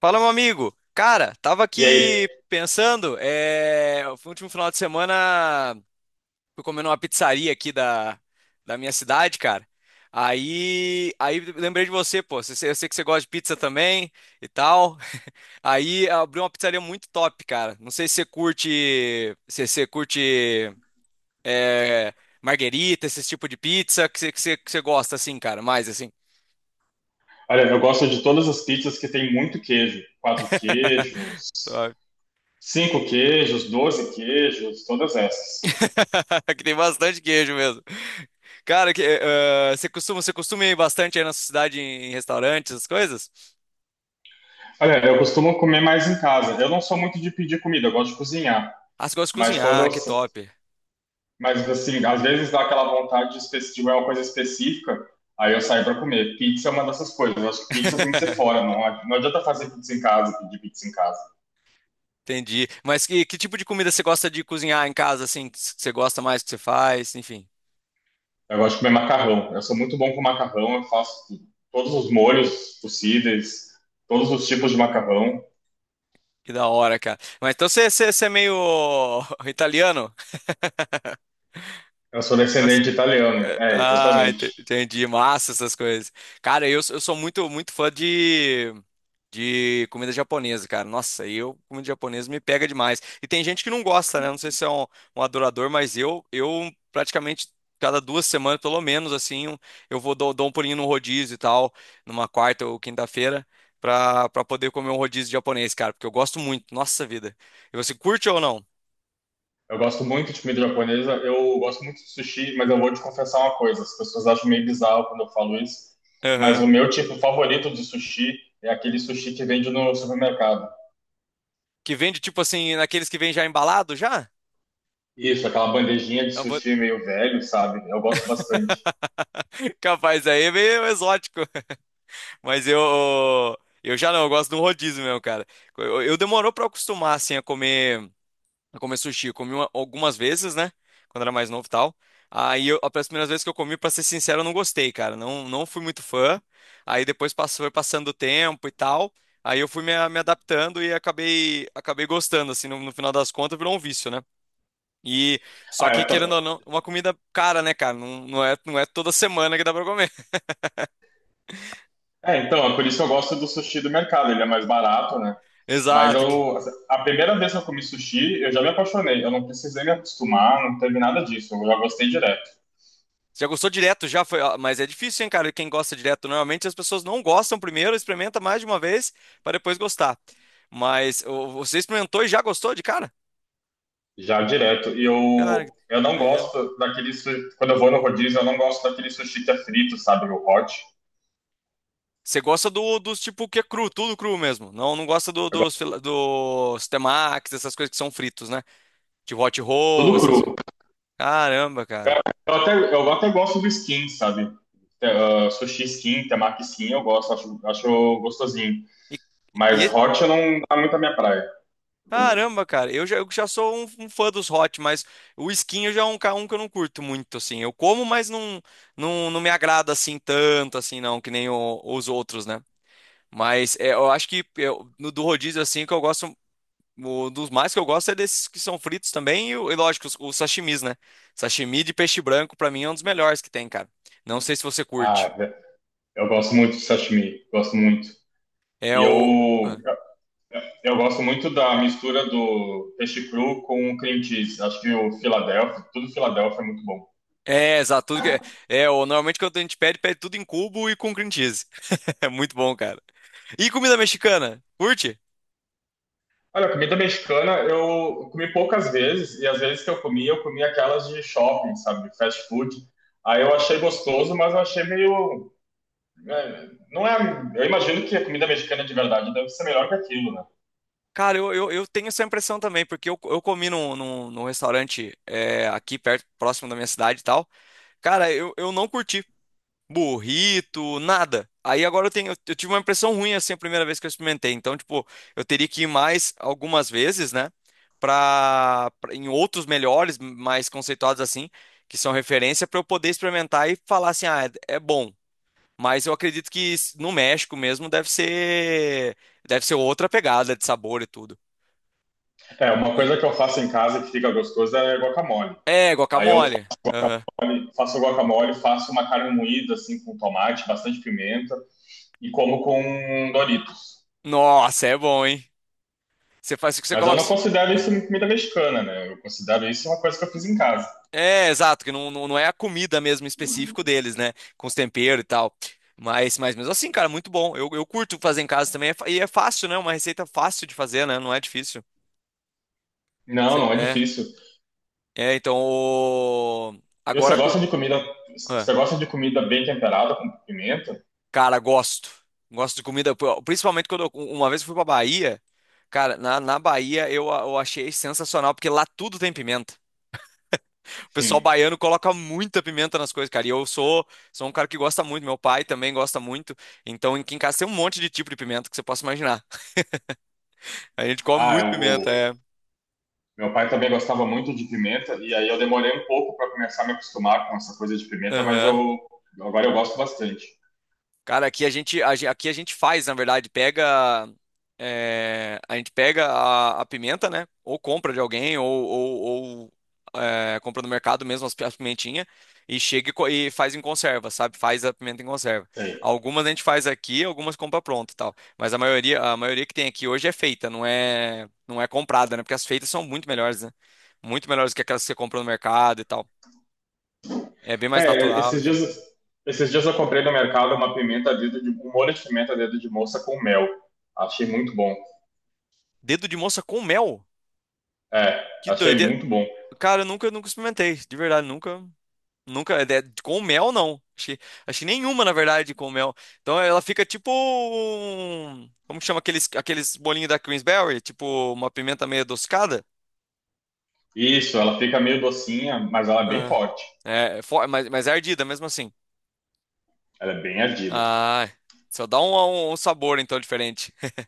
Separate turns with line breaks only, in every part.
Fala, meu amigo. Cara, tava
E
aqui
aí,
pensando, foi o último final de semana fui comer numa pizzaria aqui da minha cidade, cara. Aí lembrei de você, pô. Eu sei que você gosta de pizza também e tal. Aí abriu uma pizzaria muito top, cara. Não sei se você curte, se você curte é... marguerita, esse tipo de pizza que você gosta assim, cara, mais assim.
olha, eu gosto de todas as pizzas que tem muito queijo. Quatro queijos, cinco queijos, doze queijos, todas essas.
Que tem bastante queijo mesmo. Cara, você costuma ir bastante aí na sua cidade em restaurantes, essas coisas?
Olha, eu costumo comer mais em casa. Eu não sou muito de pedir comida, eu gosto de cozinhar.
Ah, você gosta de
Mas quando
cozinhar,
eu,
que
sa-
top.
mas assim, às vezes dá aquela vontade de de uma coisa específica, aí eu saio para comer. Pizza é uma dessas coisas. Eu acho que pizza tem que ser fora, não adianta fazer pizza em casa, pedir pizza em casa.
Entendi. Mas que tipo de comida você gosta de cozinhar em casa, assim, que você gosta mais que você faz, enfim.
Eu gosto de comer macarrão. Eu sou muito bom com macarrão. Eu faço todos os molhos possíveis, todos os tipos de macarrão.
Que da hora, cara. Mas então você é meio italiano?
Eu sou descendente
Gosta-
de italiano. É,
Ah,
exatamente.
entendi. Massa essas coisas. Cara, eu sou muito fã de comida japonesa, cara. Nossa, eu, comida japonesa me pega demais. E tem gente que não gosta, né? Não sei se é um adorador, mas eu praticamente cada duas semanas, pelo menos, assim, eu dou um pulinho no rodízio e tal, numa quarta ou quinta-feira, pra poder comer um rodízio japonês, cara, porque eu gosto muito. Nossa vida. E você curte ou não?
Eu gosto muito de comida japonesa. Eu gosto muito de sushi, mas eu vou te confessar uma coisa. As pessoas acham meio bizarro quando eu falo isso. Mas
Aham.
o meu tipo favorito de sushi é aquele sushi que vende no supermercado.
Que vende, tipo assim, naqueles que vem já embalado, já?
Isso, aquela bandejinha de
Eu vou-
sushi meio velho, sabe? Eu gosto bastante.
Capaz, aí é meio exótico. Mas eu já não, eu gosto de um rodízio mesmo, cara. Eu demorou pra eu acostumar, assim, a comer sushi. Eu comi algumas vezes, né? Quando era mais novo e tal. Aí, eu, as primeiras vezes que eu comi, pra ser sincero, eu não gostei, cara. Não, não fui muito fã. Aí depois passou, foi passando o tempo e tal. Aí eu fui me adaptando e acabei gostando, assim, no final das contas, virou um vício, né? E só
Ah,
que,
eu tam-
querendo ou não, uma comida cara, né, cara? Não, não é toda semana que dá pra comer.
É, então, é por isso que eu gosto do sushi do mercado. Ele é mais barato, né? Mas
Exato.
eu, a primeira vez que eu comi sushi, eu já me apaixonei. Eu não precisei me acostumar, não teve nada disso. Eu já gostei direto.
Você já gostou direto, já foi. Ah, mas é difícil, hein, cara? Quem gosta direto, normalmente as pessoas não gostam primeiro, experimenta mais de uma vez para depois gostar. Mas ô, você experimentou e já gostou de cara?
Já direto. E
Cara, que
eu, eu não
doideira.
gosto daquele sushi. Quando eu vou no rodízio, eu não gosto daquele sushi que é frito, sabe? O hot.
Você gosta do, dos tipo que é cru, tudo cru mesmo. Não, não gosta do,
Eu
dos,
gosto
dos temakis, essas coisas que são fritos, né? De hot
de
roll,
tudo
essas.
cru.
Caramba,
Eu,
cara.
eu até gosto do skin, sabe? Sushi skin, temaki skin, eu gosto, acho gostosinho.
E,
Mas hot eu não dá muito a minha praia.
Caramba, cara, eu já sou um fã dos hot, mas o skin já é um que eu não curto muito, assim. Eu como, mas não me agrada assim tanto, assim, não, que nem os outros, né? Mas é, eu acho que no do rodízio, assim, que eu gosto, o, dos mais que eu gosto é desses que são fritos também, e lógico, os sashimis, né? Sashimi de peixe branco, pra mim, é um dos melhores que tem, cara. Não sei se você
Ah,
curte.
eu gosto muito de sashimi, gosto muito.
É
E
o.
eu Eu gosto muito da mistura do peixe cru com cream cheese. Acho que o Philadelphia, tudo Philadelphia é muito bom.
É, exato. Tudo que é, normalmente quando a gente pede, pede tudo em cubo e com cream cheese. É muito bom, cara. E comida mexicana? Curte?
Olha, comida mexicana eu comi poucas vezes, e as vezes que eu comi aquelas de shopping, sabe? De fast food. Aí eu achei gostoso, mas eu achei meio. É, não é. Eu imagino que a comida mexicana de verdade deve ser melhor que aquilo, né?
Cara, eu tenho essa impressão também, porque eu comi num restaurante é, aqui perto, próximo da minha cidade e tal. Cara, eu não curti. Burrito, nada. Aí agora eu tenho, eu tive uma impressão ruim assim a primeira vez que eu experimentei. Então, tipo, eu teria que ir mais algumas vezes, né? Em outros melhores, mais conceituados assim, que são referência, pra eu poder experimentar e falar assim, ah, é, é bom. Mas eu acredito que no México mesmo deve ser outra pegada de sabor e tudo.
É, uma
Eu-
coisa que eu faço em casa que fica gostoso é guacamole.
É,
Aí eu
guacamole. Aham.
faço guacamole, faço uma carne moída, assim, com tomate, bastante pimenta, e como com um Dorito.
Nossa, é bom, hein? Você faz o que você
Mas eu
coloca.
não considero isso comida mexicana, né? Eu considero isso uma coisa que eu fiz em casa.
É, exato, que não é a comida mesmo em específico deles, né? Com os temperos e tal. Mas mesmo assim, cara, muito bom. Eu curto fazer em casa também. E é fácil, né? Uma receita fácil de fazer, né? Não é difícil.
Não, não é
É,
difícil.
é, então.
E você
Agora.
gosta de comida,
Ah,
você gosta de comida bem temperada com pimenta?
cara, gosto. Gosto de comida. Pô, principalmente quando eu, uma vez eu fui pra Bahia. Cara, na Bahia eu, eu achei sensacional, porque lá tudo tem pimenta. O pessoal
Sim.
baiano coloca muita pimenta nas coisas, cara. E eu sou, sou um cara que gosta muito, meu pai também gosta muito. Então, aqui em casa tem um monte de tipo de pimenta que você possa imaginar. A gente come
Ah,
muito
eu,
pimenta,
o-
é.
Meu pai também gostava muito de pimenta e aí eu demorei um pouco para começar a me acostumar com essa coisa de pimenta, mas
Aham.
eu agora eu gosto bastante.
Cara, aqui a gente, aqui a gente faz, na verdade, pega, é, a gente pega a pimenta, né? Ou compra de alguém, ou compra no mercado mesmo as, as pimentinhas e chega e e faz em conserva, sabe? Faz a pimenta em conserva.
Sei.
Algumas a gente faz aqui, algumas compra pronta e tal. Mas a maioria que tem aqui hoje é feita, não é comprada, né? Porque as feitas são muito melhores, né? Muito melhores que aquelas que você compra no mercado e tal. É bem mais
É,
natural, enfim.
esses dias eu comprei no mercado uma pimenta dedo de um molho de pimenta dedo de moça com mel. Achei muito bom.
Dedo de moça com mel?
É,
Que
achei
doideira.
muito bom.
Cara, eu nunca, nunca experimentei, de verdade, nunca, nunca, com mel não, achei, achei nenhuma, na verdade, com mel, então ela fica tipo, como que chama aqueles, aqueles bolinhos da Queensberry, tipo uma pimenta meio adocicada.
Isso, ela fica meio docinha, mas ela é bem
Ah,
forte.
é, mas é ardida mesmo assim,
Ela é bem ardida.
ah, só dá um sabor, então, diferente.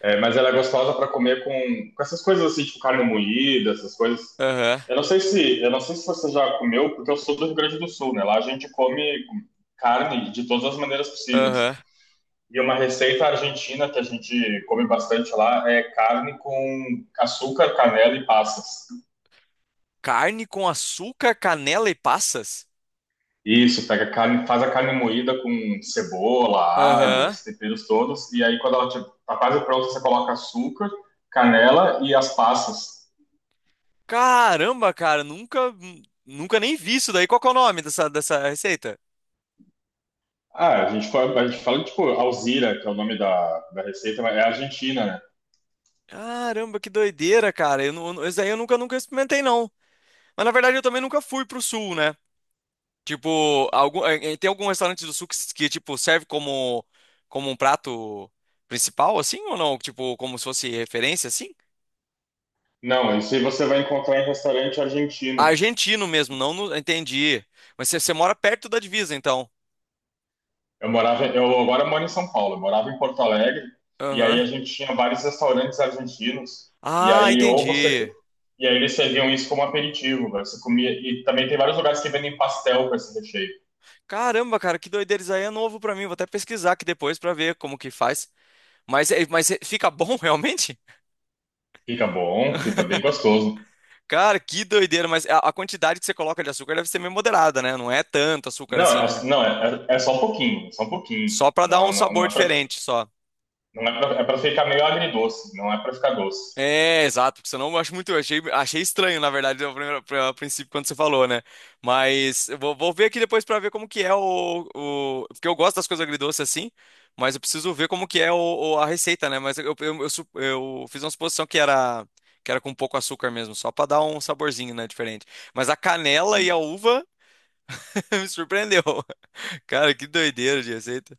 É, mas ela é gostosa para comer com essas coisas assim, tipo carne moída, essas coisas.
Aham.
Eu não sei se você já comeu, porque eu sou do Rio Grande do Sul, né? Lá a gente come carne de todas as maneiras
Aham.
possíveis. E uma receita argentina que a gente come bastante lá é carne com açúcar, canela e passas.
Carne com açúcar, canela e passas.
Isso, pega a carne, faz a carne moída com cebola, alho,
Aham.
os temperos todos, e aí quando ela tipo, tá quase pronta, você coloca açúcar, canela e as passas.
Caramba, cara, nunca, nunca nem vi isso daí, qual que é o nome dessa receita?
Ah, a gente fala tipo Alzira, que é o nome da receita, mas é argentina, né?
Caramba, que doideira, cara. Eu, não- Isso aí eu nunca, nunca experimentei, não. Mas na verdade eu também nunca fui pro sul, né? Tipo, algum, tem algum restaurante do sul que, que, tipo, serve como, como um prato principal, assim, ou não? Tipo, como se fosse referência, assim?
Não, isso aí você vai encontrar em restaurante argentino.
Argentino mesmo, entendi. Mas você mora perto da divisa, então.
Eu morava, eu agora moro em São Paulo, eu morava em Porto Alegre, e aí
Aham.
a gente tinha vários restaurantes argentinos, e
Ah,
aí ou você
entendi.
e aí eles serviam isso como aperitivo, velho, você comia e também tem vários lugares que vendem pastel com esse recheio.
Caramba, cara, que doideira. Isso aí é novo pra mim. Vou até pesquisar aqui depois pra ver como que faz. Mas, mas fica bom realmente?
Fica bom, fica bem gostoso.
Cara, que doideira, mas a quantidade que você coloca de açúcar deve ser meio moderada, né? Não é tanto açúcar
Não,
assim, né?
é, não é, é, é só um pouquinho, é só um pouquinho.
Só pra dar um sabor diferente, só.
Não é pra, é pra ficar meio agridoce, não é pra ficar doce.
É, exato, porque senão eu acho muito. Eu Achei, achei estranho, na verdade, ao a princípio, quando você falou, né? Mas eu vou, vou ver aqui depois pra ver como que é o. Porque eu gosto das coisas agridoces assim, mas eu preciso ver como que é o, a receita, né? Mas eu fiz uma suposição que era com pouco açúcar mesmo, só pra dar um saborzinho, né? Diferente. Mas a canela e a uva me surpreendeu. Cara, que doideira de receita.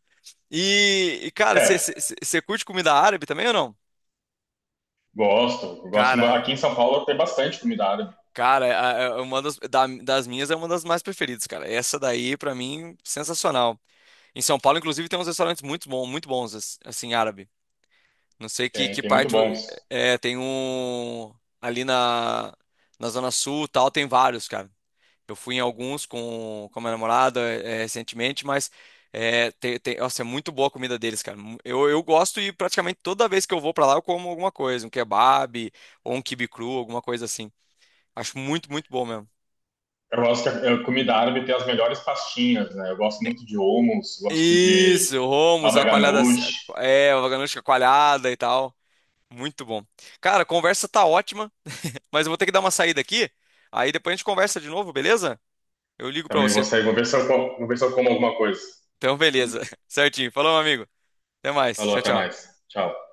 Cara,
É,
você curte comida árabe também ou não?
gosto, gosto.
Cara,
Aqui em São Paulo tem bastante comida árabe,
cara, uma das, das minhas é uma das mais preferidas, cara. Essa daí, pra mim, sensacional. Em São Paulo, inclusive, tem uns restaurantes muito bons, assim, árabe. Não sei
tem,
que
tem muito
parte.
bons.
É, tem um. Ali na, na Zona Sul e tal, tem vários, cara. Eu fui em alguns com a minha namorada recentemente, mas é, nossa, é muito boa a comida deles, cara. Eu gosto e praticamente toda vez que eu vou pra lá eu como alguma coisa, um kebab ou um quibe cru, alguma coisa assim. Acho muito bom mesmo.
Eu gosto que a comida árabe tem as melhores pastinhas, né? Eu gosto muito de hummus, gosto de
Isso, Romos,
baba
a coalhada,
ganoush.
é, a vaganucha coalhada e tal. Muito bom. Cara, a conversa tá ótima, mas eu vou ter que dar uma saída aqui. Aí depois a gente conversa de novo, beleza? Eu ligo pra
Também vou
você.
sair, vou ver se eu como, vou ver se eu como alguma coisa.
Então, beleza. Certinho. Falou, meu amigo. Até mais.
Falou,
Tchau,
até
tchau.
mais. Tchau.